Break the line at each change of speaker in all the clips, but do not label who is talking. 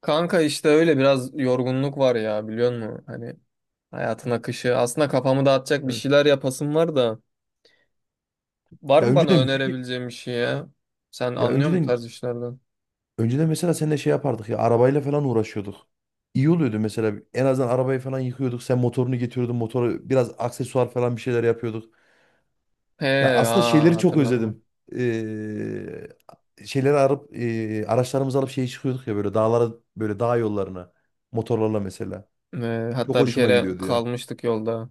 Kanka işte öyle biraz yorgunluk var ya, biliyor musun? Hani hayatın akışı. Aslında kafamı dağıtacak bir
Evet.
şeyler yapasım var da. Var
Ya
mı bana
önceden bilgi-
önerebileceğim bir şey ya? Sen
ya
anlıyor musun bu
önceden
tarz işlerden?
önceden mesela seninle şey yapardık ya arabayla falan uğraşıyorduk. İyi oluyordu mesela en azından arabayı falan yıkıyorduk. Sen motorunu getiriyordun. Motora biraz aksesuar falan bir şeyler yapıyorduk.
He,
Ya aslında
ha,
şeyleri çok
hatırladım.
özledim. Şeyleri arıp araçlarımızı alıp şeye çıkıyorduk ya böyle dağlara böyle dağ yollarına motorlarla mesela. Çok
Hatta bir
hoşuma
kere
gidiyordu ya.
kalmıştık yolda.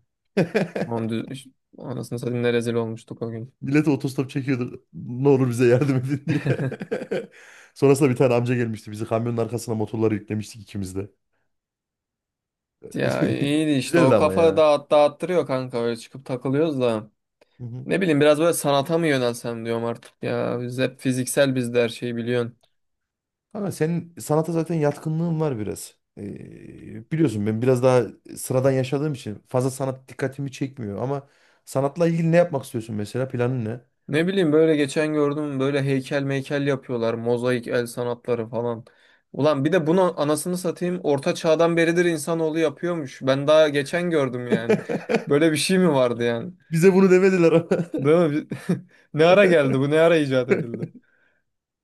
Onu dü- Anasını satayım, ne rezil olmuştuk o gün.
Millet otostop çekiyordu. Ne olur bize yardım edin diye. Sonrasında bir tane amca gelmişti. Bizi kamyonun arkasına motorları yüklemiştik ikimiz de.
Ya iyiydi işte, o
Güzeldi ama
kafa
ya.
dağıttırıyor kanka, öyle çıkıp takılıyoruz da.
Hı hı.
Ne bileyim, biraz böyle sanata mı yönelsem diyorum artık ya. Biz hep fiziksel, bizde her şeyi biliyorsun.
Ama senin sanata zaten yatkınlığın var biraz. Biliyorsun ben biraz daha sıradan yaşadığım için fazla sanat dikkatimi çekmiyor ama sanatla ilgili ne yapmak istiyorsun, mesela planın ne?
Ne bileyim, böyle geçen gördüm, böyle heykel meykel yapıyorlar. Mozaik, el sanatları falan. Ulan bir de bunu, anasını satayım, orta çağdan beridir insanoğlu yapıyormuş. Ben daha geçen gördüm yani. Böyle bir şey mi vardı yani?
Bize bunu demediler ama.
Değil mi? Ne ara geldi bu? Ne ara icat edildi?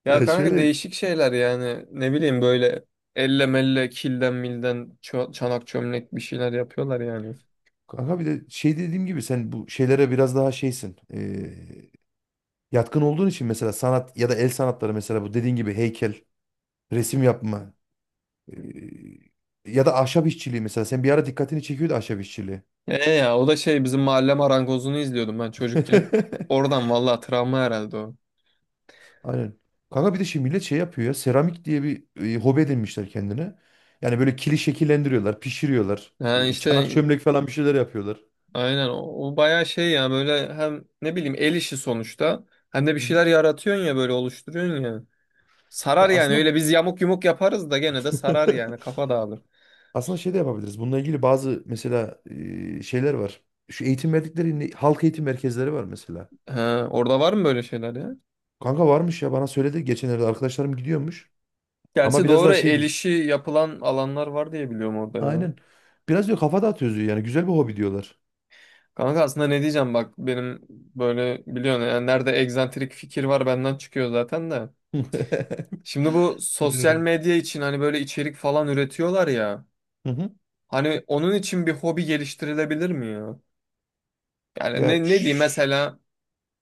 Ya
Ya
kanka,
şöyle
değişik şeyler yani. Ne bileyim, böyle elle melle, kilden milden, çanak çömlek bir şeyler yapıyorlar yani.
kanka, bir de şey dediğim gibi sen bu şeylere biraz daha şeysin. Yatkın olduğun için mesela sanat ya da el sanatları, mesela bu dediğin gibi heykel, resim yapma, e, ya da ahşap işçiliği, mesela sen bir ara dikkatini çekiyordu ahşap işçiliği.
E ya, o da şey, bizim mahalle marangozunu izliyordum ben çocukken. Oradan vallahi, travma herhalde o.
Aynen. Kanka bir de şimdi millet şey yapıyor ya, seramik diye bir hobi edinmişler kendine. Yani böyle kili şekillendiriyorlar, pişiriyorlar.
Yani
Çanak
işte
çömlek falan bir şeyler yapıyorlar.
aynen o, o bayağı şey ya, böyle hem ne bileyim, el işi sonuçta, hem de bir
Hı
şeyler
hı.
yaratıyorsun ya, böyle oluşturuyorsun ya.
Ya
Sarar yani,
aslında
öyle biz yamuk yumuk yaparız da gene de sarar yani, kafa dağılır.
aslında şey de yapabiliriz. Bununla ilgili bazı mesela şeyler var. Şu eğitim verdikleri halk eğitim merkezleri var mesela.
He, orada var mı böyle şeyler ya?
Kanka varmış ya, bana söyledi geçenlerde, arkadaşlarım gidiyormuş. Ama
Gerçi
biraz
doğru,
daha şey
el
diyor.
işi yapılan alanlar var diye biliyorum orada ya.
Aynen. Biraz diyor, kafa dağıtıyoruz diyor, yani güzel bir hobi diyorlar.
Kanka aslında ne diyeceğim, bak benim böyle, biliyorsun yani, nerede egzantrik fikir var benden çıkıyor zaten de. Şimdi bu sosyal
Biliyorum.
medya için hani böyle içerik falan üretiyorlar ya.
Hı hı.
Hani onun için bir hobi geliştirilebilir mi ya? Yani
Ya
ne diyeyim
şş,
mesela,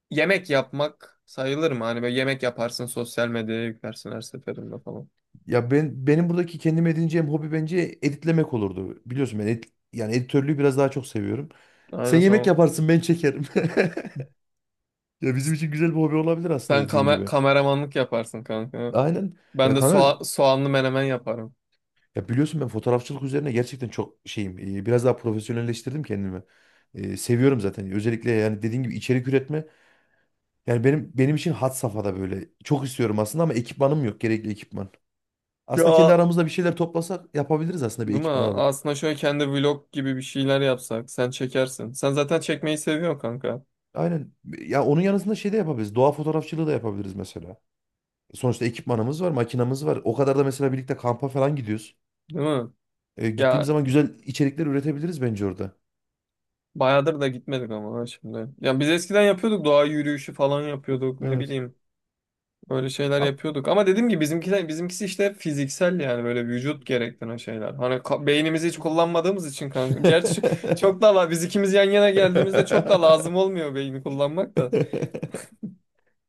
yemek yapmak sayılır mı? Hani böyle yemek yaparsın, sosyal medyaya yüklersin her seferinde falan.
ya benim buradaki kendim edineceğim hobi bence editlemek olurdu. Biliyorsun ben yani editörlüğü biraz daha çok seviyorum. Sen
Aynen,
yemek
tamam.
yaparsın, ben çekerim. Ya bizim için güzel bir hobi olabilir aslında, dediğin gibi.
Kameramanlık yaparsın kanka.
Aynen. Ya
Ben de
kanka,
soğanlı menemen yaparım.
ya biliyorsun ben fotoğrafçılık üzerine gerçekten çok şeyim. Biraz daha profesyonelleştirdim kendimi. Seviyorum zaten. Özellikle yani dediğin gibi içerik üretme. Yani benim için had safhada böyle. Çok istiyorum aslında ama ekipmanım yok. Gerekli ekipman. Aslında kendi
Ya
aramızda bir şeyler toplasak yapabiliriz aslında, bir
değil mi?
ekipman alıp.
Aslında şöyle, kendi vlog gibi bir şeyler yapsak sen çekersin. Sen zaten çekmeyi seviyorsun kanka.
Aynen. Ya onun yanısında şey de yapabiliriz. Doğa fotoğrafçılığı da yapabiliriz mesela. Sonuçta ekipmanımız var, makinamız var. O kadar da mesela birlikte kampa falan gidiyoruz.
Değil mi?
Gittiğimiz
Ya
zaman güzel içerikler üretebiliriz bence orada.
bayağıdır da gitmedik ama ha şimdi. Ya biz eskiden yapıyorduk, doğa yürüyüşü falan yapıyorduk, ne
Evet.
bileyim. Böyle şeyler
A-
yapıyorduk. Ama dediğim gibi bizimkiler, bizimkisi işte fiziksel, yani böyle vücut gerektiren şeyler. Hani beynimizi hiç kullanmadığımız için kanka. Gerçi çok da biz ikimiz yan yana geldiğimizde çok da lazım olmuyor beyni kullanmak da.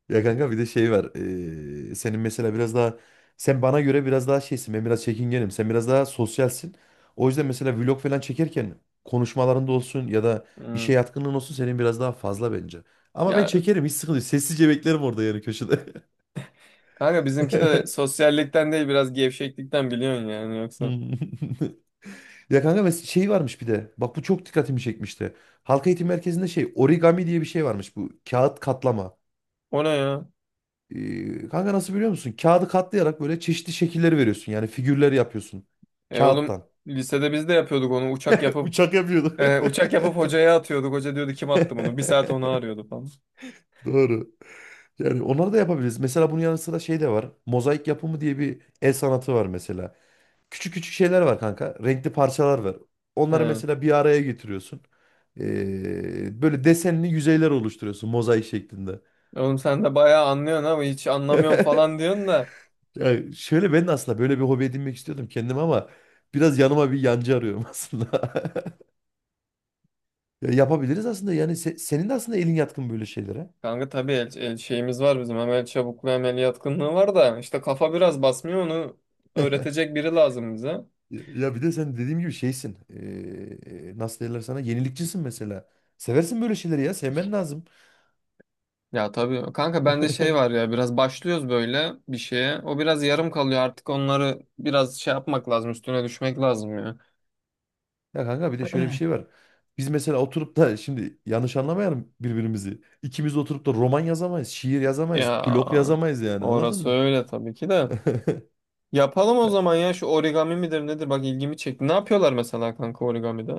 Ya kanka bir de şey var. Senin mesela biraz daha sen bana göre biraz daha şeysin. Ben biraz çekingenim. Sen biraz daha sosyalsin. O yüzden mesela vlog falan çekerken konuşmalarında olsun ya da işe
Hmm.
yatkınlığın olsun, senin biraz daha fazla bence. Ama ben
Ya
çekerim, hiç sıkıntı yok. Sessizce beklerim orada, yani köşede.
kanka, bizimki de sosyallikten değil, biraz gevşeklikten, biliyorsun yani, yoksa.
Hmm. Ya kanka, şey varmış bir de. Bak bu çok dikkatimi çekmişti. Halk eğitim merkezinde şey, origami diye bir şey varmış bu. Kağıt katlama.
O ne ya?
Kanka nasıl, biliyor musun? Kağıdı katlayarak böyle çeşitli şekilleri veriyorsun. Yani figürler yapıyorsun.
E oğlum,
Kağıttan.
lisede biz de yapıyorduk onu, uçak yapıp
Uçak yapıyordu.
uçak yapıp hocaya atıyorduk. Hoca diyordu kim attı bunu? Bir saat onu arıyordu falan.
Doğru. Yani onları da yapabiliriz. Mesela bunun yanı sıra şey de var. Mozaik yapımı diye bir el sanatı var mesela. Küçük küçük şeyler var kanka. Renkli parçalar var. Onları
He.
mesela bir araya getiriyorsun. Böyle desenli yüzeyler oluşturuyorsun mozaik şeklinde.
Oğlum sen de bayağı anlıyorsun ama hiç anlamıyorum falan diyorsun da.
Ya şöyle, ben de aslında böyle bir hobi edinmek istiyordum kendime ama biraz yanıma bir yancı arıyorum aslında. Ya yapabiliriz aslında, yani senin de aslında elin yatkın böyle şeylere.
Kanka tabii, el şeyimiz var bizim, hem el çabukluğu hem el yatkınlığı var da, işte kafa biraz basmıyor, onu öğretecek biri lazım bize.
Ya bir de sen dediğim gibi şeysin. Nasıl derler sana? Yenilikçisin mesela. Seversin böyle şeyleri ya. Sevmen lazım.
Ya tabii kanka, bende şey var ya, biraz başlıyoruz böyle bir şeye, o biraz yarım kalıyor, artık onları biraz şey yapmak lazım, üstüne düşmek lazım ya.
Ya kanka, bir de şöyle bir şey var. Biz mesela oturup da şimdi yanlış anlamayalım birbirimizi. İkimiz de oturup da roman yazamayız, şiir yazamayız,
Ya
blog yazamayız, yani anladın
orası
mı?
öyle tabii ki de, yapalım o zaman ya, şu origami midir nedir, bak ilgimi çekti, ne yapıyorlar mesela kanka origamide,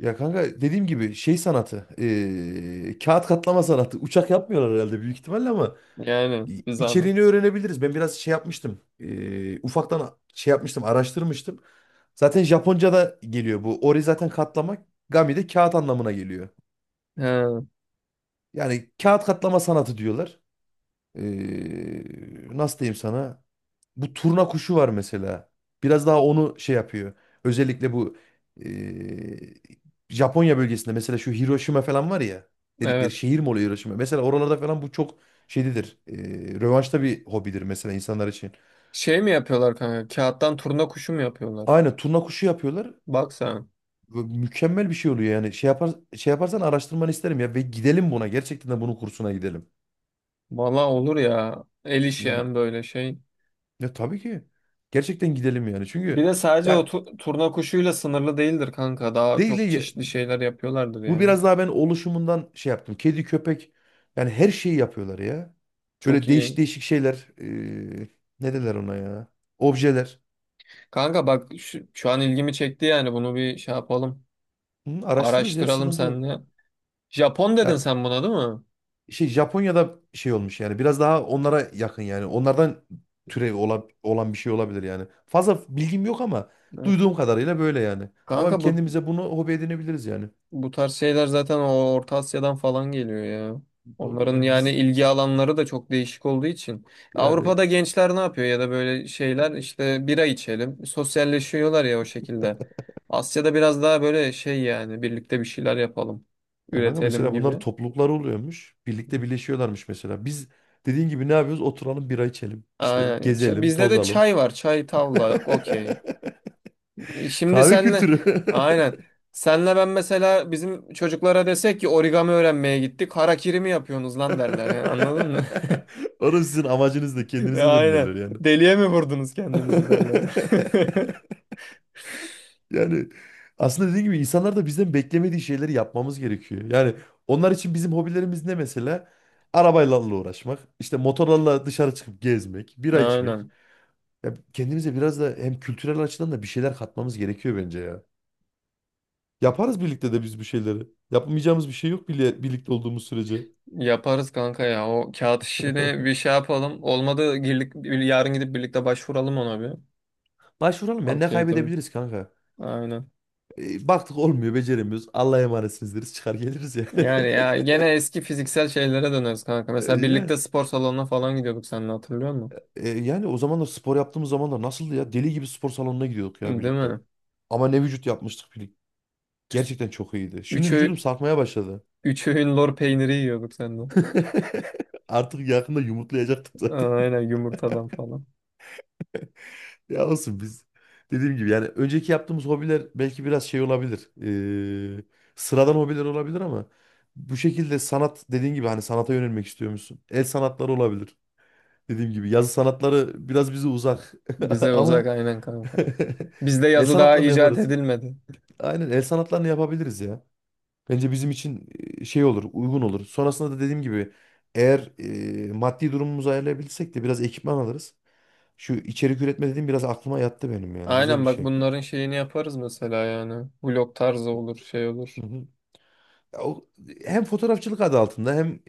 Ya kanka dediğim gibi şey sanatı, kağıt katlama sanatı. Uçak yapmıyorlar herhalde, büyük ihtimalle, ama
yani bir zahmet.
içeriğini öğrenebiliriz. Ben biraz şey yapmıştım, ufaktan şey yapmıştım, araştırmıştım. Zaten Japonca'da geliyor bu. Ori zaten katlama, gami de kağıt anlamına geliyor.
He,
Yani kağıt katlama sanatı diyorlar. Eee, nasıl diyeyim sana? Bu turna kuşu var mesela. Biraz daha onu şey yapıyor. Özellikle bu eee, Japonya bölgesinde, mesela şu Hiroşima falan var ya, dedikleri
evet,
şehir mi oluyor Hiroşima? Mesela oralarda falan bu çok şeydir. Rövanşta bir hobidir mesela, insanlar için.
şey mi yapıyorlar kanka, kağıttan turna kuşu mu yapıyorlar?
Aynen, turna kuşu yapıyorlar.
Bak sen.
Ve mükemmel bir şey oluyor yani. Şey yapar, şey yaparsan araştırmanı isterim ya, ve gidelim buna. Gerçekten de bunun kursuna gidelim.
Valla olur ya. El işi,
Yani
hem böyle şey.
ya, tabii ki. Gerçekten gidelim yani.
Bir
Çünkü
de sadece o
ya,
turna kuşuyla sınırlı değildir kanka. Daha
değil
çok
de,
çeşitli şeyler yapıyorlardır
bu
yani.
biraz daha ben oluşumundan şey yaptım. Kedi, köpek, yani her şeyi yapıyorlar ya.
Çok
Böyle değişik
iyi.
değişik şeyler. Ne derler ona ya? Objeler.
Kanka bak şu an ilgimi çekti yani. Bunu bir şey yapalım.
Hı, araştırırız ya,
Araştıralım
sıkıntı yok.
seninle. Japon dedin
Ya
sen buna, değil mi?
şey, Japonya'da şey olmuş yani, biraz daha onlara yakın yani. Onlardan türevi olan bir şey olabilir yani. Fazla bilgim yok ama
Evet.
duyduğum kadarıyla böyle yani. Ama
Kanka bu,
kendimize bunu hobi edinebiliriz yani.
bu tarz şeyler zaten o Orta Asya'dan falan geliyor ya.
Doğru
Onların
ya.
yani
Biz
ilgi alanları da çok değişik olduğu için.
yani
Avrupa'da gençler ne yapıyor ya da, böyle şeyler işte, bira içelim. Sosyalleşiyorlar ya o şekilde. Asya'da biraz daha böyle şey yani, birlikte bir şeyler yapalım.
Ya kanka,
Üretelim
mesela bunların
gibi.
toplulukları oluyormuş. Birlikte birleşiyorlarmış mesela. Biz dediğin gibi ne yapıyoruz? Oturalım bira içelim. İşte
Aynen.
gezelim,
Bizde de
tozalım.
çay var. Çay, tavla, okey. Şimdi
Kahve
senle
kültürü.
aynen. Senle ben mesela bizim çocuklara desek ki origami öğrenmeye gittik, harakiri mi yapıyorsunuz lan derler. Yani anladın mı?
Orası sizin amacınız da,
Ya
kendinize
aynen.
dönülürler yani.
Deliye mi vurdunuz kendinizi derler.
Yani aslında dediğim gibi, insanlar da bizden beklemediği şeyleri yapmamız gerekiyor. Yani onlar için bizim hobilerimiz ne mesela? Arabayla uğraşmak, işte motorlarla dışarı çıkıp gezmek, bira içmek.
Aynen.
Ya kendimize biraz da hem kültürel açıdan da bir şeyler katmamız gerekiyor bence ya. Yaparız birlikte de biz bu şeyleri. Yapmayacağımız bir şey yok, bile birlikte olduğumuz sürece.
Yaparız kanka ya. O kağıt işini bir şey yapalım. Olmadı girlik, yarın gidip birlikte başvuralım ona bir.
Başvuralım ya, ne
Halk eğitim.
kaybedebiliriz kanka?
Aynen.
Baktık olmuyor, beceremiyoruz. Allah'a emanetsiniz deriz, çıkar geliriz yani.
Yani ya, gene eski fiziksel şeylere döneriz kanka.
E,
Mesela
yani,
birlikte spor salonuna falan gidiyorduk seninle, hatırlıyor musun?
yani o zamanlar spor yaptığımız zamanlar nasıldı ya? Deli gibi spor salonuna gidiyorduk ya
Değil
birlikte.
mi?
Ama ne vücut yapmıştık birlikte. Gerçekten çok iyiydi. Şimdi
Üç,
vücudum
öğ-
sarkmaya başladı.
Üç öğün lor peyniri yiyorduk seninle.
Artık yakında yumurtlayacaktım zaten.
Aynen, yumurtadan falan.
Ya olsun biz. Dediğim gibi yani önceki yaptığımız hobiler belki biraz şey olabilir. Ee, sıradan hobiler olabilir ama bu şekilde sanat, dediğin gibi, hani sanata yönelmek istiyor musun? El sanatları olabilir. Dediğim gibi yazı sanatları biraz bize uzak
Bize
ama
uzak, aynen kanka. Bizde
el
yazı daha
sanatlarını
icat
yaparız.
edilmedi.
Aynen, el sanatlarını yapabiliriz ya. Bence bizim için şey olur, uygun olur. Sonrasında da dediğim gibi, eğer maddi durumumuzu ayarlayabilirsek de biraz ekipman alırız. Şu içerik üretme dediğim biraz aklıma yattı benim yani. Güzel bir
Aynen, bak
şey.
bunların şeyini yaparız mesela yani. Vlog tarzı olur, şey olur.
Hı hı. Ya hem fotoğrafçılık adı altında hem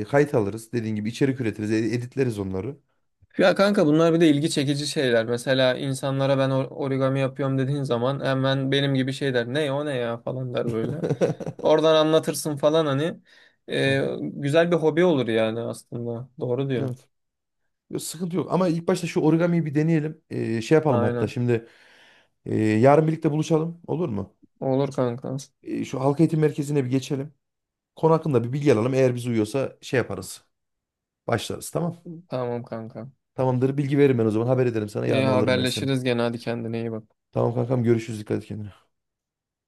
kayıt alırız. Dediğin gibi içerik üretiriz, editleriz onları.
Ya kanka, bunlar bir de ilgi çekici şeyler. Mesela insanlara ben origami yapıyorum dediğin zaman, hemen benim gibi şey der, ne o ne ya falan der böyle. Oradan anlatırsın falan hani.
Hı hı.
Güzel bir hobi olur yani aslında. Doğru diyorsun.
Evet. Yok, sıkıntı yok. Ama ilk başta şu origamiyi bir deneyelim. Şey yapalım hatta
Aynen.
şimdi. Yarın birlikte buluşalım. Olur mu?
Olur kanka.
Şu halk eğitim merkezine bir geçelim. Konu hakkında bir bilgi alalım. Eğer bize uyuyorsa şey yaparız. Başlarız, tamam.
Tamam kanka.
Tamamdır. Bilgi veririm ben o zaman. Haber ederim sana.
İyi
Yarın alırım ben seni.
haberleşiriz gene, hadi kendine iyi bak.
Tamam kankam, görüşürüz. Dikkat et kendine.